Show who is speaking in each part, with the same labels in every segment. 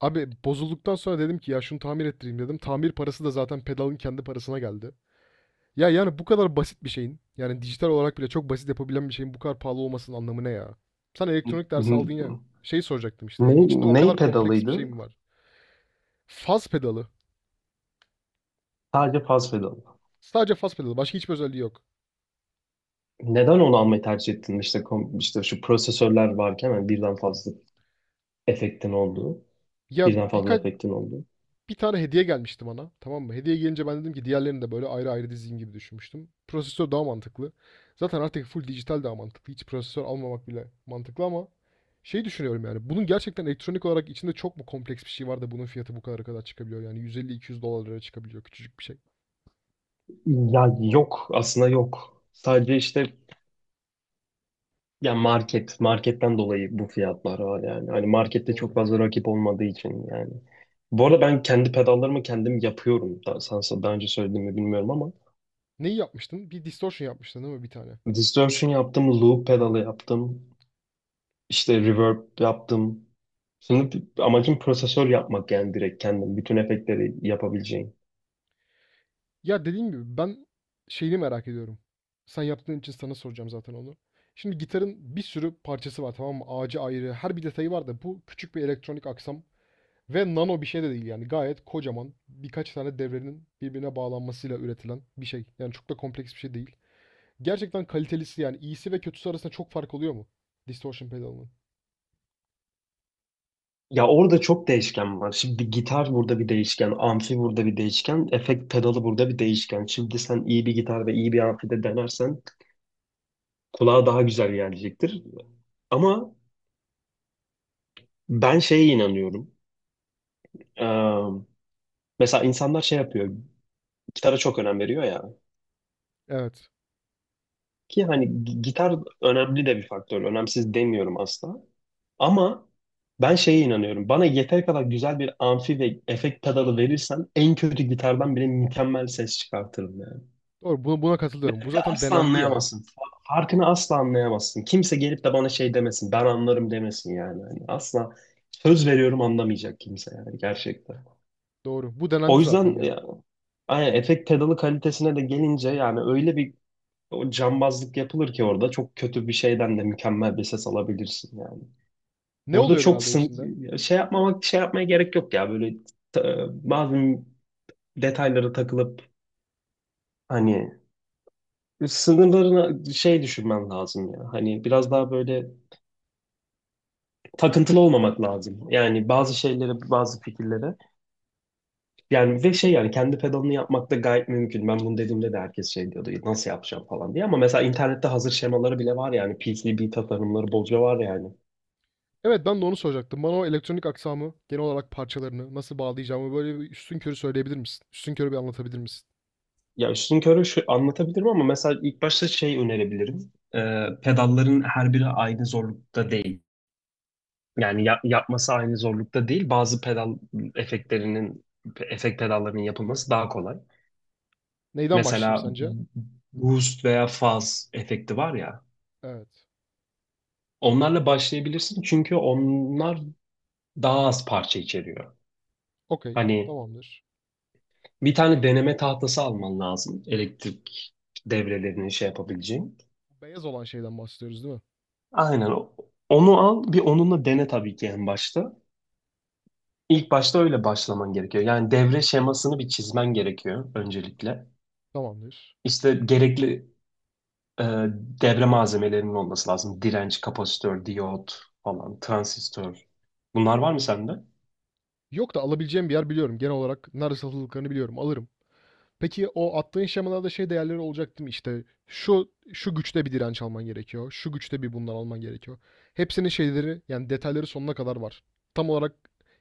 Speaker 1: Abi bozulduktan sonra dedim ki ya şunu tamir ettireyim dedim. Tamir parası da zaten pedalın kendi parasına geldi. Ya yani bu kadar basit bir şeyin yani dijital olarak bile çok basit yapabilen bir şeyin bu kadar pahalı olmasının anlamı ne ya? Sen elektronik dersi
Speaker 2: Ne,
Speaker 1: aldın ya. Şey soracaktım işte yani içinde o
Speaker 2: ney
Speaker 1: kadar kompleks bir şey
Speaker 2: pedalıydı?
Speaker 1: mi var? Faz pedalı.
Speaker 2: Sadece faz pedalı.
Speaker 1: Sadece faz pedalı. Başka hiçbir özelliği yok.
Speaker 2: Neden onu almayı tercih ettin? İşte, şu prosesörler varken hani birden fazla efektin olduğu.
Speaker 1: Ya
Speaker 2: Birden fazla
Speaker 1: birkaç
Speaker 2: efektin olduğu.
Speaker 1: bir tane hediye gelmişti bana. Tamam mı? Hediye gelince ben dedim ki diğerlerini de böyle ayrı ayrı dizeyim gibi düşünmüştüm. Prosesör daha mantıklı. Zaten artık full dijital daha mantıklı. Hiç prosesör almamak bile mantıklı ama şey düşünüyorum yani. Bunun gerçekten elektronik olarak içinde çok mu kompleks bir şey var da bunun fiyatı bu kadar çıkabiliyor? Yani 150-200 dolarlara çıkabiliyor küçücük bir şey.
Speaker 2: Ya yok. Aslında yok. Sadece market. Marketten dolayı bu fiyatlar var yani. Hani markette çok
Speaker 1: Doğru.
Speaker 2: fazla rakip olmadığı için yani. Bu arada ben kendi pedallarımı kendim yapıyorum. Daha, sana daha önce söylediğimi bilmiyorum ama.
Speaker 1: Neyi yapmıştın? Bir distortion yapmıştın değil mi bir tane?
Speaker 2: Distortion yaptım. Loop pedalı yaptım. İşte reverb yaptım. Şimdi amacım prosesör yapmak yani direkt kendim. Bütün efektleri yapabileceğim.
Speaker 1: Ya dediğim gibi ben şeyini merak ediyorum. Sen yaptığın için sana soracağım zaten onu. Şimdi gitarın bir sürü parçası var, tamam mı? Ağacı ayrı, her bir detayı var da bu küçük bir elektronik aksam ve nano bir şey de değil yani gayet kocaman birkaç tane devrenin birbirine bağlanmasıyla üretilen bir şey. Yani çok da kompleks bir şey değil. Gerçekten kalitelisi yani iyisi ve kötüsü arasında çok fark oluyor mu? Distortion pedalının.
Speaker 2: Ya orada çok değişken var. Şimdi bir gitar burada bir değişken, amfi burada bir değişken, efekt pedalı burada bir değişken. Şimdi sen iyi bir gitar ve iyi bir amfi de denersen kulağa daha güzel gelecektir. Ama ben şeye inanıyorum. Ee, Mesela insanlar şey yapıyor. Gitara çok önem veriyor ya.
Speaker 1: Evet.
Speaker 2: Ki hani gitar önemli de bir faktör. Önemsiz demiyorum asla. Ama ben şeye inanıyorum. Bana yeter kadar güzel bir amfi ve efekt pedalı verirsen en kötü gitardan bile mükemmel ses çıkartırım yani.
Speaker 1: Doğru. Buna, buna
Speaker 2: Ve
Speaker 1: katılıyorum. Bu zaten
Speaker 2: asla
Speaker 1: denendi ya.
Speaker 2: anlayamazsın. Farkını asla anlayamazsın. Kimse gelip de bana şey demesin. Ben anlarım demesin yani. Hani asla söz veriyorum anlamayacak kimse yani gerçekten.
Speaker 1: Doğru. Bu denendi
Speaker 2: O
Speaker 1: zaten
Speaker 2: yüzden
Speaker 1: ya.
Speaker 2: ya, aynen, efekt pedalı kalitesine de gelince yani öyle bir o cambazlık yapılır ki orada çok kötü bir şeyden de mükemmel bir ses alabilirsin yani.
Speaker 1: Ne
Speaker 2: Burada
Speaker 1: oluyor
Speaker 2: çok
Speaker 1: genelde içinde?
Speaker 2: şey yapmamak şey yapmaya gerek yok ya böyle bazı detaylara takılıp hani sınırlarına şey düşünmen lazım ya. Hani biraz daha böyle takıntılı olmamak lazım. Yani bazı
Speaker 1: Evet.
Speaker 2: şeylere, bazı fikirlere. Yani ve şey yani kendi pedalını yapmak da gayet mümkün. Ben bunu dediğimde de herkes şey diyordu. Nasıl yapacağım falan diye. Ama mesela internette hazır şemaları bile var yani. PCB tasarımları bolca var yani.
Speaker 1: Evet, ben de onu soracaktım. Bana o elektronik aksamı, genel olarak parçalarını nasıl bağlayacağımı böyle bir üstünkörü söyleyebilir misin? Üstünkörü bir anlatabilir misin?
Speaker 2: Ya üstün körü şu anlatabilirim ama mesela ilk başta şey önerebilirim. Pedalların her biri aynı zorlukta değil. Yani yapması aynı zorlukta değil. Bazı pedal efektlerinin efekt pedallarının yapılması daha kolay.
Speaker 1: Neyden başlayayım
Speaker 2: Mesela
Speaker 1: sence?
Speaker 2: boost veya fuzz efekti var ya.
Speaker 1: Evet.
Speaker 2: Onlarla başlayabilirsin çünkü onlar daha az parça içeriyor.
Speaker 1: Okey.
Speaker 2: Hani
Speaker 1: Tamamdır.
Speaker 2: bir tane deneme tahtası alman lazım elektrik devrelerini şey yapabileceğin.
Speaker 1: Beyaz olan şeyden bahsediyoruz değil mi?
Speaker 2: Aynen. Onu al, bir onunla dene tabii ki en başta. İlk başta öyle başlaman gerekiyor. Yani devre şemasını bir çizmen gerekiyor öncelikle.
Speaker 1: Tamamdır.
Speaker 2: İşte gerekli e, devre malzemelerinin olması lazım. Direnç, kapasitör, diyot falan, transistör. Bunlar var mı sende?
Speaker 1: Yok da alabileceğim bir yer biliyorum. Genel olarak nerede satıldıklarını biliyorum. Alırım. Peki o attığın şemalarda şey değerleri olacak değil mi? İşte şu şu güçte bir direnç alman gerekiyor. Şu güçte bir bundan alman gerekiyor. Hepsinin şeyleri yani detayları sonuna kadar var. Tam olarak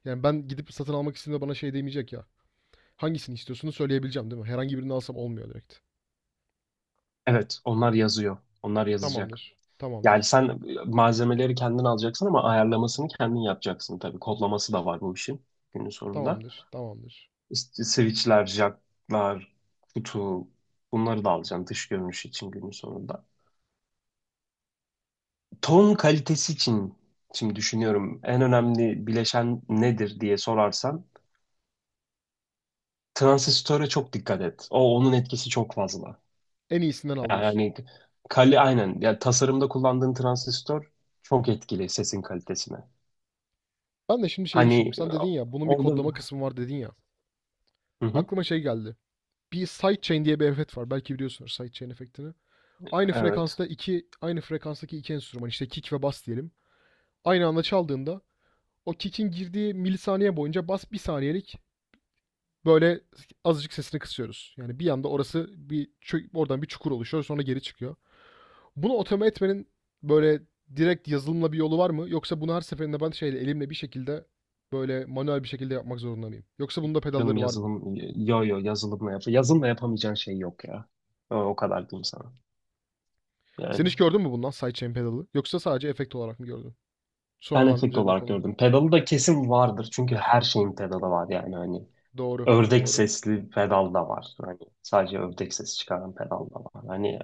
Speaker 1: yani ben gidip satın almak istediğimde bana şey demeyecek ya. Hangisini istiyorsunuz söyleyebileceğim değil mi? Herhangi birini alsam olmuyor direkt.
Speaker 2: Evet, onlar yazıyor. Onlar yazacak.
Speaker 1: Tamamdır.
Speaker 2: Yani
Speaker 1: Tamamdır.
Speaker 2: sen malzemeleri kendin alacaksın ama ayarlamasını kendin yapacaksın tabii. Kodlaması da var bu işin günün sonunda.
Speaker 1: Tamamdır. Tamamdır.
Speaker 2: İşte switchler, jacklar, kutu bunları da alacağım dış görünüş için günün sonunda. Ton kalitesi için şimdi düşünüyorum en önemli bileşen nedir diye sorarsan transistöre çok dikkat et. O onun etkisi çok fazla.
Speaker 1: En iyisinden al diyorsun.
Speaker 2: Yani aynen yani tasarımda kullandığın transistör çok etkili sesin kalitesine.
Speaker 1: Ben de şimdi şey düşündüm.
Speaker 2: Hani
Speaker 1: Sen dedin ya bunun bir
Speaker 2: orada
Speaker 1: kodlama kısmı var dedin ya.
Speaker 2: hı hı,
Speaker 1: Aklıma şey geldi. Bir sidechain diye bir efekt var. Belki biliyorsunuz sidechain efektini. Aynı
Speaker 2: evet.
Speaker 1: frekansta iki, aynı frekanstaki iki enstrüman işte kick ve bass diyelim. Aynı anda çaldığında o kick'in girdiği milisaniye boyunca bas bir saniyelik böyle azıcık sesini kısıyoruz. Yani bir anda orası bir oradan bir çukur oluşuyor sonra geri çıkıyor. Bunu otomatik etmenin böyle direkt yazılımla bir yolu var mı? Yoksa bunu her seferinde ben şeyle elimle bir şekilde böyle manuel bir şekilde yapmak zorunda mıyım? Yoksa bunda
Speaker 2: Canım
Speaker 1: pedalları var mı?
Speaker 2: yazılım, yo yo yazılımla yap. Yazılımla yapamayacağın şey yok ya. O kadar diyeyim sana.
Speaker 1: Sen
Speaker 2: Yani.
Speaker 1: hiç gördün mü bundan sidechain pedalı? Yoksa sadece efekt olarak mı gördün?
Speaker 2: Ben
Speaker 1: Sonradan
Speaker 2: efekt
Speaker 1: üzerine
Speaker 2: olarak
Speaker 1: konu.
Speaker 2: gördüm. Pedalı da kesin vardır. Çünkü her şeyin pedalı var yani hani.
Speaker 1: Doğru,
Speaker 2: Ördek
Speaker 1: doğru.
Speaker 2: sesli pedal da var. Hani sadece ördek sesi çıkaran pedal da var. Hani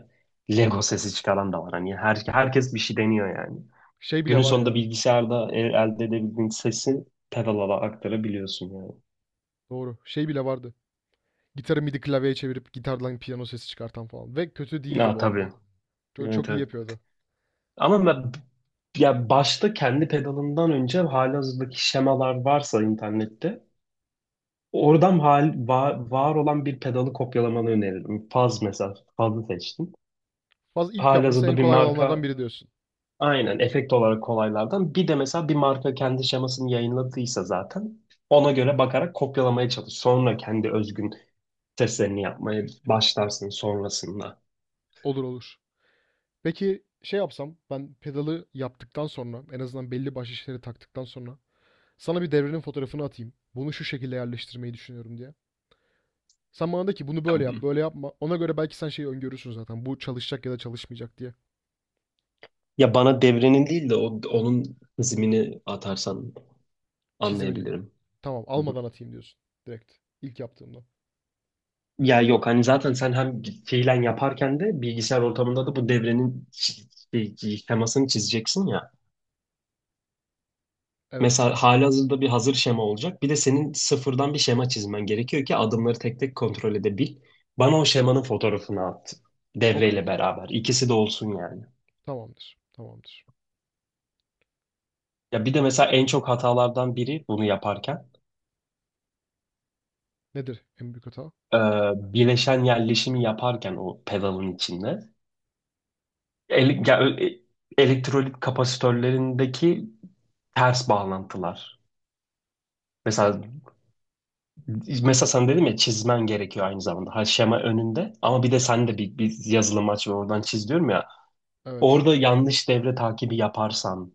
Speaker 2: Lego sesi çıkaran da var. Hani herkes bir şey deniyor yani.
Speaker 1: Şey bile
Speaker 2: Günün
Speaker 1: var
Speaker 2: sonunda
Speaker 1: ya.
Speaker 2: bilgisayarda elde edebildiğin sesi pedala da aktarabiliyorsun yani.
Speaker 1: Doğru. Şey bile vardı. Gitarı midi klavyeye çevirip gitardan piyano sesi çıkartan falan. Ve kötü değildi
Speaker 2: Ya
Speaker 1: bu arada.
Speaker 2: tabii.
Speaker 1: Çok, çok
Speaker 2: Evet,
Speaker 1: iyi
Speaker 2: evet.
Speaker 1: yapıyordu.
Speaker 2: Ama ben, ya başta kendi pedalından önce halihazırdaki şemalar varsa internette oradan olan bir pedalı kopyalamanı öneririm. Faz mesela. Faz'ı seçtim.
Speaker 1: Fazla ilk yapması en
Speaker 2: Halihazırda bir
Speaker 1: kolay olanlardan
Speaker 2: marka
Speaker 1: biri diyorsun.
Speaker 2: aynen efekt olarak kolaylardan. Bir de mesela bir marka kendi şemasını yayınladıysa zaten ona göre bakarak kopyalamaya çalış. Sonra kendi özgün seslerini yapmaya başlarsın sonrasında.
Speaker 1: Olur, olur. Peki şey yapsam ben pedalı yaptıktan sonra en azından belli başlı şeyleri taktıktan sonra sana bir devrenin fotoğrafını atayım. Bunu şu şekilde yerleştirmeyi düşünüyorum diye. Sen bana de ki bunu böyle yap, böyle
Speaker 2: Ya
Speaker 1: yapma. Ona göre belki sen şeyi öngörürsün zaten. Bu çalışacak ya da çalışmayacak diye.
Speaker 2: ya bana devrenin değil de onun hızmini atarsan
Speaker 1: Çizimini.
Speaker 2: anlayabilirim.
Speaker 1: Tamam, almadan atayım diyorsun direkt. İlk yaptığımda.
Speaker 2: Ya yok hani zaten sen hem fiilen yaparken de bilgisayar ortamında da bu devrenin şey, şemasını çizeceksin ya.
Speaker 1: Evet.
Speaker 2: Mesela halihazırda bir hazır şema olacak. Bir de senin sıfırdan bir şema çizmen gerekiyor ki adımları tek tek kontrol edebil. Bana o şemanın fotoğrafını at.
Speaker 1: Okey.
Speaker 2: Devreyle beraber. İkisi de olsun yani.
Speaker 1: Tamamdır. Tamamdır.
Speaker 2: Ya bir de mesela en çok hatalardan biri bunu yaparken
Speaker 1: Nedir en büyük hata?
Speaker 2: e, bileşen yerleşimi yaparken o pedalın içinde ele- ya- e- elektrolit kapasitörlerindeki ters bağlantılar. Mesela mesela sen dedim ya çizmen gerekiyor aynı zamanda. Her şema önünde ama bir de
Speaker 1: Evet.
Speaker 2: sen de bir yazılım aç ve oradan çiz diyorum ya.
Speaker 1: Evet.
Speaker 2: Orada yanlış devre takibi yaparsan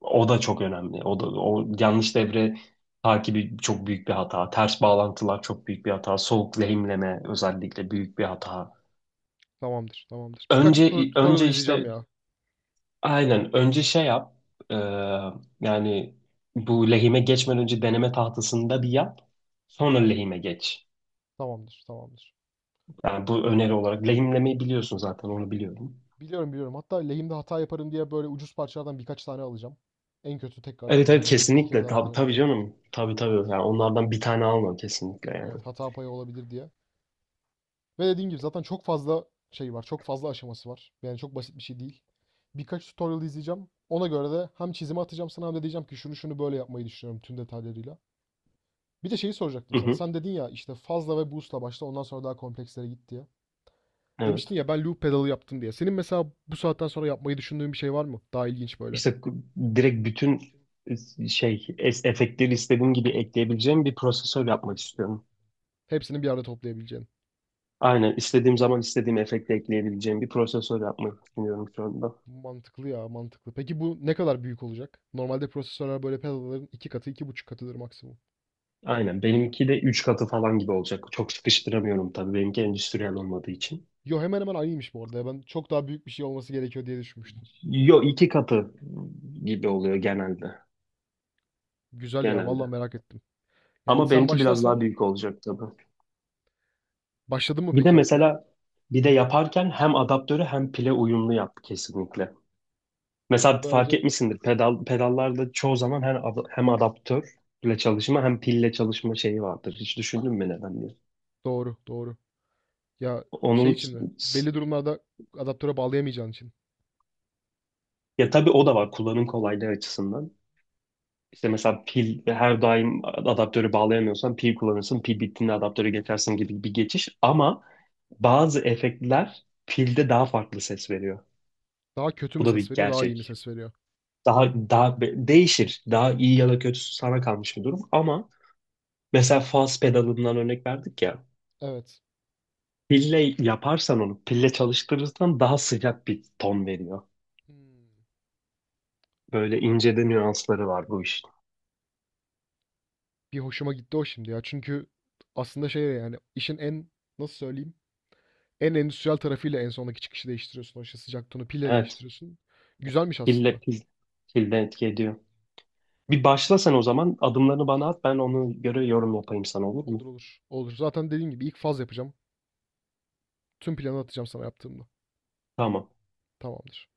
Speaker 2: o da çok önemli. O da o yanlış devre takibi çok büyük bir hata. Ters bağlantılar çok büyük bir hata. Soğuk lehimleme özellikle büyük bir hata.
Speaker 1: Tamamdır, tamamdır. Birkaç
Speaker 2: Önce
Speaker 1: tutorial
Speaker 2: önce
Speaker 1: izleyeceğim
Speaker 2: işte
Speaker 1: ya.
Speaker 2: aynen önce şey yap. Ee, Yani bu lehime geçmeden önce deneme tahtasında bir yap. Sonra lehime geç.
Speaker 1: Tamamdır, tamamdır.
Speaker 2: Yani bu öneri olarak. Lehimlemeyi biliyorsun zaten onu biliyorum.
Speaker 1: Biliyorum, biliyorum. Hatta lehimde hata yaparım diye böyle ucuz parçalardan birkaç tane alacağım. En kötü tekrar
Speaker 2: Evet, evet,
Speaker 1: üzerine bir kere
Speaker 2: kesinlikle.
Speaker 1: daha
Speaker 2: Tabii,
Speaker 1: denerim
Speaker 2: tabii,
Speaker 1: diye.
Speaker 2: canım. Tabii, tabii. Yani onlardan bir tane alma kesinlikle yani.
Speaker 1: Evet, hata payı olabilir diye. Ve dediğim gibi zaten çok fazla şey var. Çok fazla aşaması var. Yani çok basit bir şey değil. Birkaç tutorial izleyeceğim. Ona göre de hem çizimi atacağım sana hem de diyeceğim ki şunu şunu böyle yapmayı düşünüyorum tüm detaylarıyla. Bir de şeyi soracaktım
Speaker 2: Hı
Speaker 1: sana.
Speaker 2: hı.
Speaker 1: Sen dedin ya işte fazla ve boost'la başla ondan sonra daha komplekslere git diye.
Speaker 2: Evet.
Speaker 1: Demiştin ya ben loop pedalı yaptım diye. Senin mesela bu saatten sonra yapmayı düşündüğün bir şey var mı? Daha ilginç böyle.
Speaker 2: İşte direkt bütün efektleri istediğim gibi ekleyebileceğim bir prosesör yapmak istiyorum.
Speaker 1: Hepsini bir arada toplayabileceğin.
Speaker 2: Aynen istediğim zaman istediğim efekti ekleyebileceğim bir prosesör yapmak düşünüyorum şu anda.
Speaker 1: Mantıklı ya mantıklı. Peki bu ne kadar büyük olacak? Normalde prosesörler böyle pedalların 2 katı, 2,5 katıdır maksimum.
Speaker 2: Aynen. Benimki de 3 katı falan gibi olacak. Çok sıkıştıramıyorum tabii. Benimki endüstriyel olmadığı için.
Speaker 1: Yo hemen hemen aynıymış bu arada, ya. Ben çok daha büyük bir şey olması gerekiyor diye düşünmüştüm.
Speaker 2: Yo iki katı gibi oluyor genelde.
Speaker 1: Güzel ya vallahi
Speaker 2: Genelde.
Speaker 1: merak ettim. Yani
Speaker 2: Ama
Speaker 1: sen
Speaker 2: benimki biraz daha
Speaker 1: başlarsan
Speaker 2: büyük olacak tabii.
Speaker 1: başladın mı
Speaker 2: Bir de
Speaker 1: peki yapmaya?
Speaker 2: mesela bir de yaparken hem adaptörü hem pile uyumlu yap kesinlikle. Mesela fark
Speaker 1: Böylece
Speaker 2: etmişsindir pedallarda çoğu zaman hem adaptörle çalışma hem pille çalışma şeyi vardır. Hiç düşündün mü neden diye?
Speaker 1: doğru, doğru. Ya şey
Speaker 2: Onun
Speaker 1: için mi? Belli durumlarda adaptöre bağlayamayacağın için.
Speaker 2: ya tabii o da var kullanım kolaylığı açısından. İşte mesela pil her daim adaptörü bağlayamıyorsan pil kullanırsın. Pil bittiğinde adaptörü geçersin gibi bir geçiş. Ama bazı efektler pilde daha farklı ses veriyor.
Speaker 1: Daha kötü
Speaker 2: Bu
Speaker 1: mü
Speaker 2: da
Speaker 1: ses
Speaker 2: bir
Speaker 1: veriyor, daha iyi mi
Speaker 2: gerçek.
Speaker 1: ses veriyor?
Speaker 2: Değişir. Daha iyi ya da kötüsü sana kalmış bir durum. Ama mesela faz pedalından örnek verdik ya.
Speaker 1: Evet.
Speaker 2: Pille yaparsan onu, pille çalıştırırsan daha sıcak bir ton veriyor.
Speaker 1: Hmm.
Speaker 2: Böyle ince de nüansları var bu işin.
Speaker 1: Bir hoşuma gitti o şimdi ya. Çünkü aslında şey yani işin en nasıl söyleyeyim? En endüstriyel tarafıyla en sondaki çıkışı değiştiriyorsun. O işte sıcak tonu pille
Speaker 2: Evet,
Speaker 1: değiştiriyorsun. Güzelmiş
Speaker 2: pille
Speaker 1: aslında.
Speaker 2: pil, pilde etki ediyor. Bir başla sen o zaman. Adımlarını bana at. Ben ona göre yorum yapayım sana, olur mu?
Speaker 1: Olur, olur. Olur. Zaten dediğim gibi ilk faz yapacağım. Tüm planı atacağım sana yaptığımda.
Speaker 2: Tamam.
Speaker 1: Tamamdır.